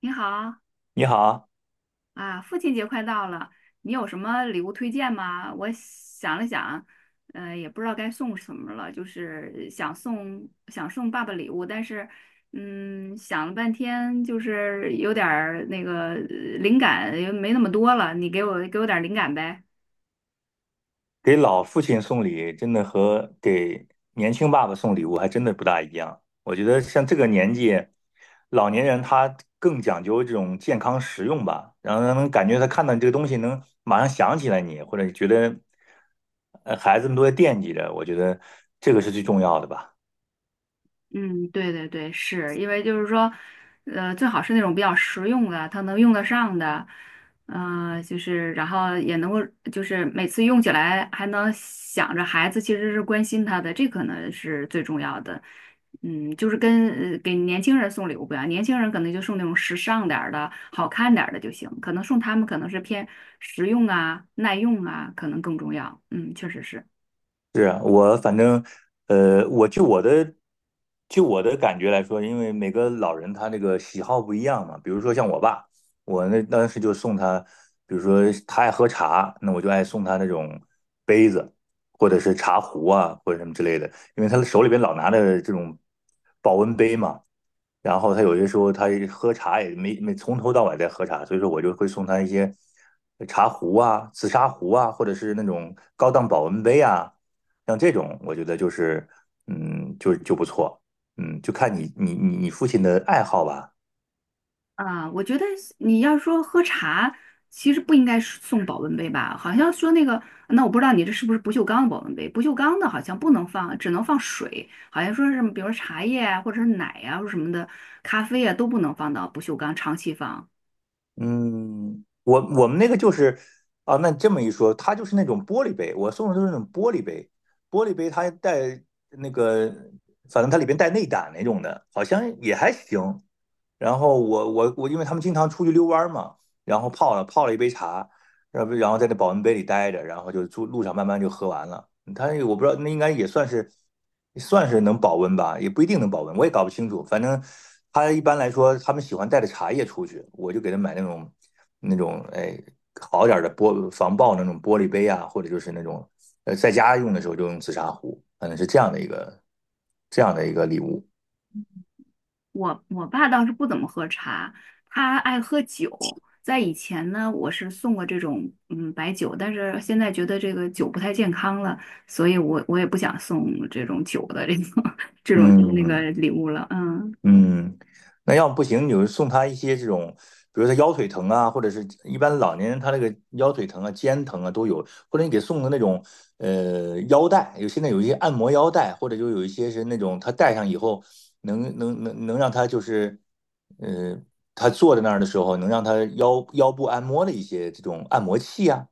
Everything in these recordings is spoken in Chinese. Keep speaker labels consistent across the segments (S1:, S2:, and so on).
S1: 你好
S2: 你好，
S1: 啊，父亲节快到了，你有什么礼物推荐吗？我想了想，也不知道该送什么了，就是想送爸爸礼物，但是，嗯，想了半天，就是有点儿那个灵感也没那么多了，你给我点儿灵感呗。
S2: 给老父亲送礼，真的和给年轻爸爸送礼物还真的不大一样。我觉得像这个年纪，老年人他更讲究这种健康实用吧，然后让人感觉他看到你这个东西能马上想起来你，或者觉得孩子们都在惦记着，我觉得这个是最重要的吧。
S1: 嗯，对对对，是因为就是说，最好是那种比较实用的，他能用得上的，就是然后也能够，就是每次用起来还能想着孩子其实是关心他的，这可能是最重要的。嗯，就是跟给年轻人送礼物不一样，年轻人可能就送那种时尚点儿的、好看点儿的就行，可能送他们可能是偏实用啊、耐用啊，可能更重要。嗯，确实是。
S2: 是啊，我反正，我的，就我的感觉来说，因为每个老人他那个喜好不一样嘛。比如说像我爸，我那当时就送他，比如说他爱喝茶，那我就爱送他那种杯子，或者是茶壶啊，或者什么之类的，因为他手里边老拿着这种保温杯嘛。然后他有些时候他喝茶也没从头到尾在喝茶，所以说我就会送他一些茶壶啊、紫砂壶啊，或者是那种高档保温杯啊。像这种，我觉得就是，就不错，就看你父亲的爱好吧，
S1: 啊，我觉得你要说喝茶，其实不应该是送保温杯吧？好像说那个，那我不知道你这是不是不锈钢的保温杯？不锈钢的好像不能放，只能放水，好像说是比如说茶叶啊，或者是奶啊，或者什么的，咖啡啊都不能放到不锈钢长期放。
S2: 嗯，我们那个就是，啊，那这么一说，它就是那种玻璃杯，我送的都是那种玻璃杯，玻璃杯它带那个，反正它里边带内胆那种的，好像也还行，然后我，因为他们经常出去遛弯嘛，然后泡了一杯茶，然后在那保温杯里待着，然后就路上慢慢就喝完了。他我不知道，那应该也算是能保温吧，也不一定能保温，我也搞不清楚。反正他一般来说，他们喜欢带着茶叶出去，我就给他买那种那种好点儿的玻防爆那种玻璃杯啊，或者就是那种在家用的时候就用紫砂壶，反正是这样的一个礼物。
S1: 我爸倒是不怎么喝茶，他爱喝酒。在以前呢，我是送过这种嗯白酒，但是现在觉得这个酒不太健康了，所以我也不想送这种酒的这种 这种当那个
S2: 嗯。
S1: 礼物了。嗯。
S2: 嗯，那要不行，你就送他一些这种，比如他腰腿疼啊，或者是一般老年人他那个腰腿疼啊、肩疼啊都有，或者你给送的那种腰带，有现在有一些按摩腰带，或者就有一些是那种他戴上以后能让他就是呃他坐在那儿的时候能让他腰部按摩的一些这种按摩器啊，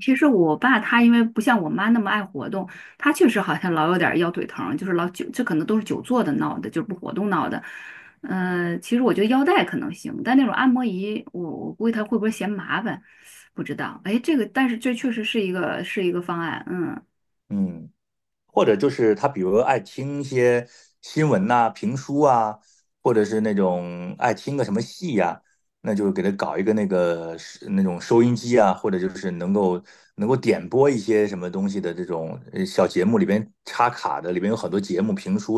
S1: 其实我爸他因为不像我妈那么爱活动，他确实好像老有点儿腰腿疼，就是老久，这可能都是久坐的闹的，就是不活动闹的。嗯，其实我觉得腰带可能行，但那种按摩仪，我估计他会不会嫌麻烦，不知道。哎，这个但是这确实是一个方案，嗯。
S2: 嗯。或者就是他比如爱听一些新闻呐、评书啊，或者是那种爱听个什么戏呀、那就给他搞一个那个是那种收音机啊，或者就是能够点播一些什么东西的这种小节目，里边插卡的，里边有很多节目、评书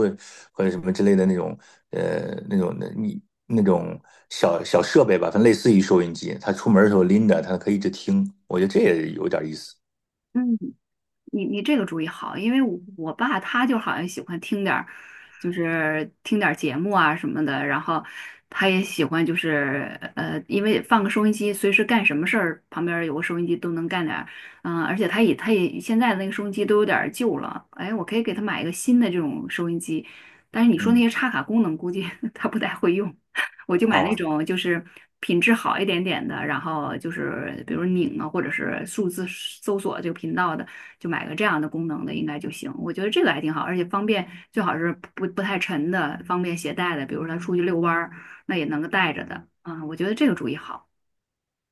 S2: 或者什么之类的那种呃那种的你那种小小设备吧，反正类似于收音机，他出门的时候拎着，他可以一直听，我觉得这也有点意思。
S1: 嗯，你你这个主意好，因为我爸他就好像喜欢听点儿，就是听点儿节目啊什么的，然后他也喜欢就是因为放个收音机，随时干什么事儿旁边儿有个收音机都能干点儿，嗯、而且他也现在的那个收音机都有点儿旧了，哎，我可以给他买一个新的这种收音机，但是你说那
S2: 嗯，
S1: 些插卡功能估计 他不太会用，我就买
S2: 啊，
S1: 那种就是品质好一点点的，然后就是比如拧啊或者是数字搜索这个频道的。就买个这样的功能的应该就行。我觉得这个还挺好，而且方便，最好是不太沉的，方便携带的，比如说他出去遛弯儿，那也能够带着的。啊，我觉得这个主意好。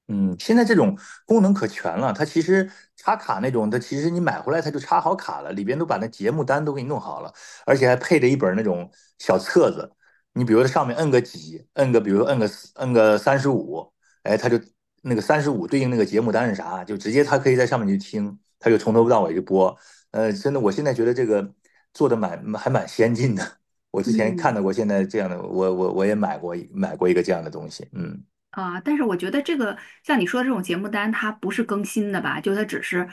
S2: 嗯，现在这种功能可全了，它其实插卡那种，它其实你买回来它就插好卡了，里边都把那节目单都给你弄好了，而且还配着一本那种小册子。你比如说上面摁个几，摁个比如说摁个三十五，哎，它就那个三十五对应那个节目单是啥，就直接它可以在上面去听，它就从头到尾就播。真的，我现在觉得这个做的蛮先进的。我之前看
S1: 嗯。
S2: 到过现在这样的，我也买过一个这样的东西，嗯
S1: 啊，但是我觉得这个像你说的这种节目单，它不是更新的吧？就它只是，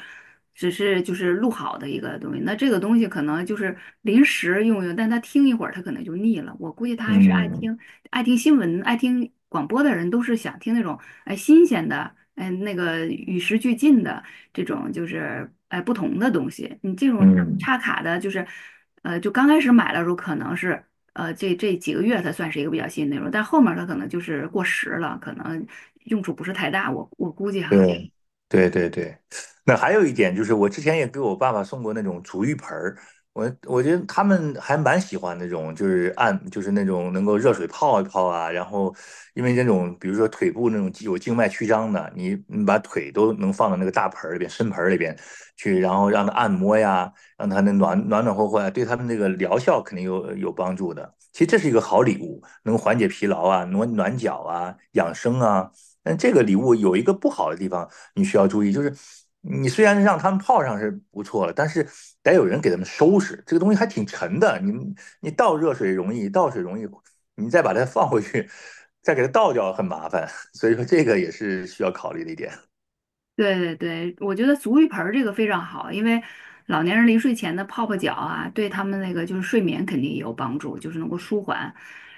S1: 只是就是录好的一个东西。那这个东西可能就是临时用用，但他听一会儿，他可能就腻了。我估计他还是爱
S2: 嗯
S1: 听爱听新闻、爱听广播的人，都是想听那种哎新鲜的，哎那个与时俱进的这种，就是哎不同的东西。你这种
S2: 嗯。
S1: 插卡的，就是就刚开始买的时候可能是。这这几个月它算是一个比较新的内容，但后面它可能就是过时了，可能用处不是太大，我估计哈。
S2: 对对对对，那还有一点就是，我之前也给我爸爸送过那种足浴盆儿，我我觉得他们还蛮喜欢那种，就是那种能够热水泡一泡啊，然后因为那种比如说腿部那种有静脉曲张的，你把腿都能放到那个大盆儿里边、深盆儿里边去，然后让它按摩呀，让它那暖暖和和呀，对他们这个疗效肯定有帮助的。其实这是一个好礼物，能缓解疲劳啊，暖暖脚啊，养生啊。但这个礼物有一个不好的地方。你需要注意，就是你虽然让他们泡上是不错了，但是得有人给他们收拾。这个东西还挺沉的，你你倒热水容易，倒水容易，你再把它放回去，再给它倒掉很麻烦。所以说这个也是需要考虑的一点。
S1: 对对对，我觉得足浴盆儿这个非常好，因为老年人临睡前的泡泡脚啊，对他们那个就是睡眠肯定也有帮助，就是能够舒缓，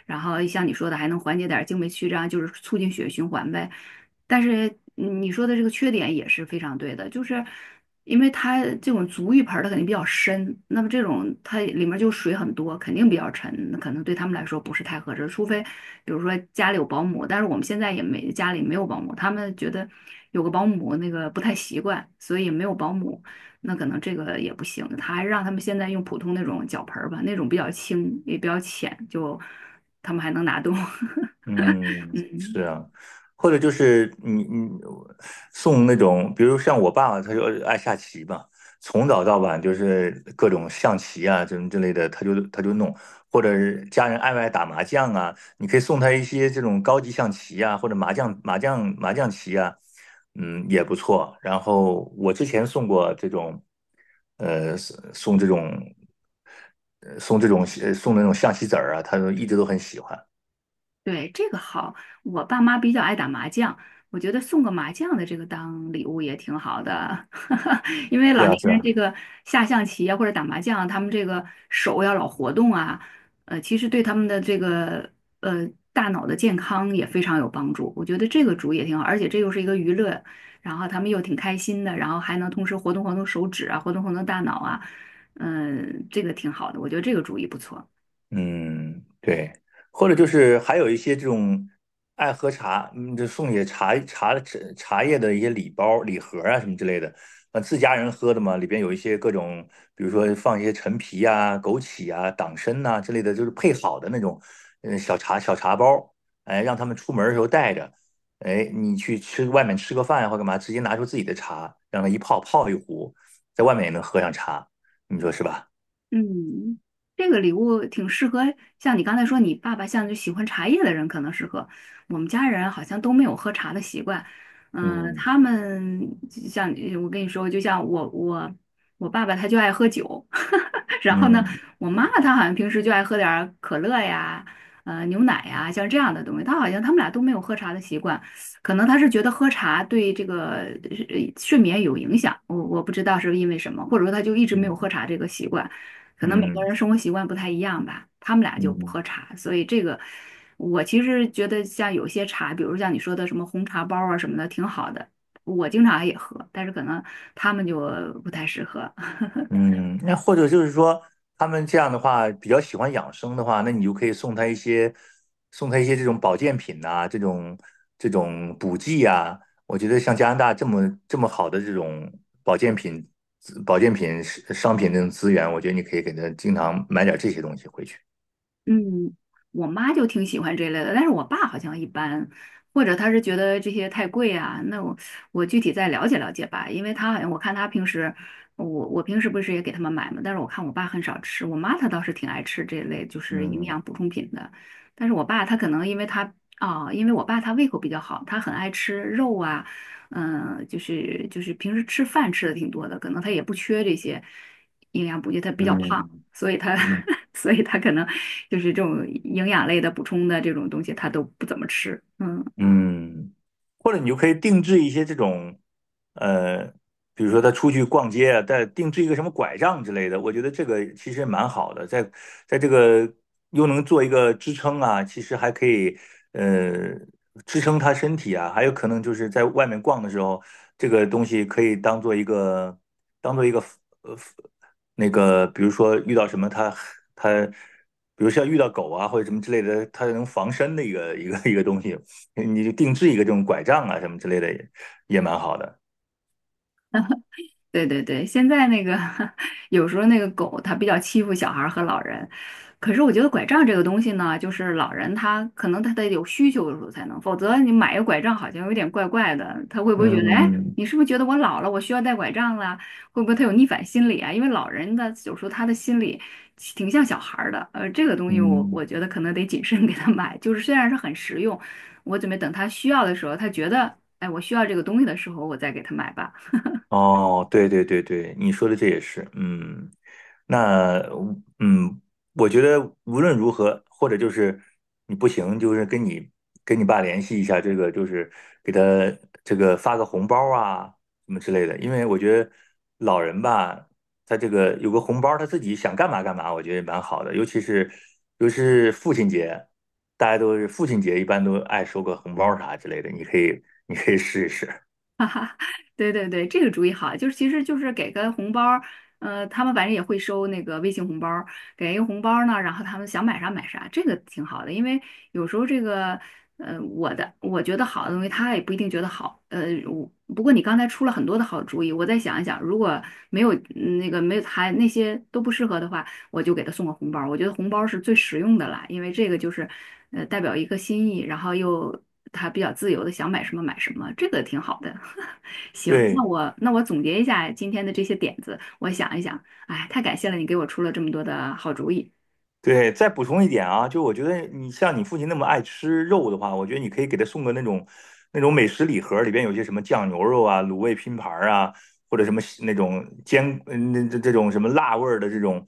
S1: 然后像你说的还能缓解点儿经脉曲张，就是促进血液循环呗。但是嗯你说的这个缺点也是非常对的，就是因为它这种足浴盆儿它肯定比较深，那么这种它里面就水很多，肯定比较沉，那可能对他们来说不是太合适。除非比如说家里有保姆，但是我们现在也没家里没有保姆，他们觉得有个保姆那个不太习惯，所以没有保姆，那可能这个也不行。他还让他们现在用普通那种脚盆儿吧，那种比较轻也比较浅，就他们还能拿动。
S2: 嗯，
S1: 嗯。
S2: 是啊，或者就是你送那种，比如像我爸爸，他就爱下棋嘛，从早到晚就是各种象棋啊，这种之类的，他就弄，或者是家人爱不爱打麻将啊，你可以送他一些这种高级象棋啊，或者麻将棋啊，嗯，也不错。然后我之前送过这种，送这种，这种那种象棋子儿啊，他都一直都很喜欢。
S1: 对，这个好，我爸妈比较爱打麻将，我觉得送个麻将的这个当礼物也挺好的，因为
S2: 对
S1: 老
S2: 啊，
S1: 年
S2: 是
S1: 人这
S2: 啊。
S1: 个下象棋啊或者打麻将，他们这个手要老活动啊，其实对他们的这个呃大脑的健康也非常有帮助。我觉得这个主意也挺好，而且这又是一个娱乐，然后他们又挺开心的，然后还能同时活动活动手指啊，活动活动大脑啊，嗯、这个挺好的，我觉得这个主意不错。
S2: 嗯，对，或者就是还有一些这种爱喝茶，嗯，就送些茶叶的一些礼包、礼盒啊什么之类的，自家人喝的嘛，里边有一些各种，比如说放一些陈皮啊、枸杞啊、党参呐、之类的，就是配好的那种，嗯，小茶包，哎，让他们出门的时候带着，哎，你去吃外面吃个饭或干嘛，直接拿出自己的茶，让它泡一壶，在外面也能喝上茶，你说是吧？
S1: 嗯，这个礼物挺适合，像你刚才说，你爸爸像就喜欢茶叶的人可能适合。我们家人好像都没有喝茶的习惯，嗯、
S2: 嗯
S1: 他们就像我跟你说，就像我我爸爸他就爱喝酒，然后呢，
S2: 嗯
S1: 我妈妈她好像平时就爱喝点儿可乐呀，牛奶呀，像这样的东西。她好像他们俩都没有喝茶的习惯，可能他是觉得喝茶对这个睡眠有影响，我不知道是因为什么，或者说他就一直没有喝
S2: 嗯。
S1: 茶这个习惯。可能每个
S2: 嗯
S1: 人生活习惯不太一样吧，他们俩就不
S2: 嗯
S1: 喝茶，所以这个我其实觉得像有些茶，比如像你说的什么红茶包啊什么的，挺好的，我经常也喝，但是可能他们就不太适合。
S2: 嗯，那或者就是说，他们这样的话比较喜欢养生的话，那你就可以送他一些这种保健品呐、这种补剂啊。我觉得像加拿大这么好的这种保健品、资保健品是商品这种资源，我觉得你可以给他经常买点这些东西回去。
S1: 嗯，我妈就挺喜欢这类的，但是我爸好像一般，或者他是觉得这些太贵啊。那我具体再了解了解吧，因为他好像我看他平时，我平时不是也给他们买嘛，但是我看我爸很少吃，我妈她倒是挺爱吃这类就是营
S2: 嗯
S1: 养补充品的，但是我爸他可能因为他因为我爸他胃口比较好，他很爱吃肉啊，嗯、就是平时吃饭吃的挺多的，可能他也不缺这些营养补剂，他比较胖。
S2: 嗯
S1: 所以他，
S2: 嗯
S1: 所以他可能就是这种营养类的补充的这种东西，他都不怎么吃。嗯。
S2: 嗯，或者你就可以定制一些这种，呃，比如说他出去逛街啊，带定制一个什么拐杖之类的，我觉得这个其实蛮好的，在这个又能做一个支撑啊，其实还可以呃支撑他身体啊，还有可能就是在外面逛的时候，这个东西可以当做一个呃那个，比如说遇到什么他，比如像遇到狗啊或者什么之类的，它能防身的一个东西。你就定制一个这种拐杖啊什么之类的也蛮好的。
S1: 对对对，现在那个 有时候那个狗它比较欺负小孩儿和老人，可是我觉得拐杖这个东西呢，就是老人他可能他得有需求的时候才能，否则你买一个拐杖好像有点怪怪的，他会不会觉得，哎，
S2: 嗯
S1: 你是不是觉得我老了，我需要带拐杖了？会不会他有逆反心理啊？因为老人的有时候他的心理挺像小孩儿的，这个东西我
S2: 嗯，
S1: 我觉得可能得谨慎 给他买，就是虽然是很实用，我准备等他需要的时候，他觉得，哎，我需要这个东西的时候，我再给他买吧。
S2: 哦，对对对对，你说的这也是，嗯，那嗯，我觉得无论如何，或者就是你不行，就是跟你爸联系一下，这个就是给他这个发个红包啊什么之类的，因为我觉得老人吧，他这个有个红包，他自己想干嘛干嘛，我觉得也蛮好的，尤其是父亲节，大家都是父亲节一般都爱收个红包啥之类的，你可以试一试，
S1: 对对对，这个主意好，就是其实就是给个红包儿，他们反正也会收那个微信红包儿给一个红包儿呢，然后他们想买啥买啥，这个挺好的，因为有时候这个，我觉得好的东西，他也不一定觉得好，我不过你刚才出了很多的好主意，我再想一想，如果没有没有还那些都不适合的话，我就给他送个红包儿我觉得红包儿是最实用的啦，因为这个就是，代表一个心意，然后又他比较自由的想买什么买什么，这个挺好的。行，那
S2: 对。
S1: 我那我总结一下今天的这些点子，我想一想，哎，太感谢了，你给我出了这么多的好主意
S2: 对，再补充一点啊，就我觉得你像你父亲那么爱吃肉的话，我觉得你可以给他送个那种美食礼盒，里边有些什么酱牛肉啊、卤味拼盘啊，或者什么那种煎嗯那这种什么辣味儿的这种，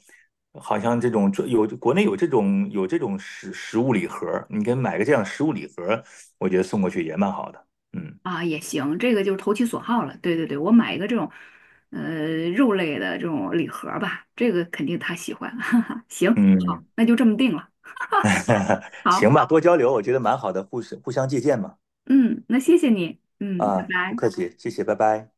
S2: 好像这种有国内有这种有这种食物礼盒，你给买个这样的食物礼盒，我觉得送过去也蛮好的。嗯
S1: 啊，也行，这个就是投其所好了。对对对，我买一个这种，肉类的这种礼盒吧，这个肯定他喜欢。哈哈，行，好，
S2: 嗯，
S1: 那就这么定了。好，
S2: 行吧，多交流，我觉得蛮好的，互相借鉴嘛。
S1: 嗯，那谢谢你，嗯，拜
S2: 啊，不
S1: 拜。
S2: 客气，谢谢，拜拜。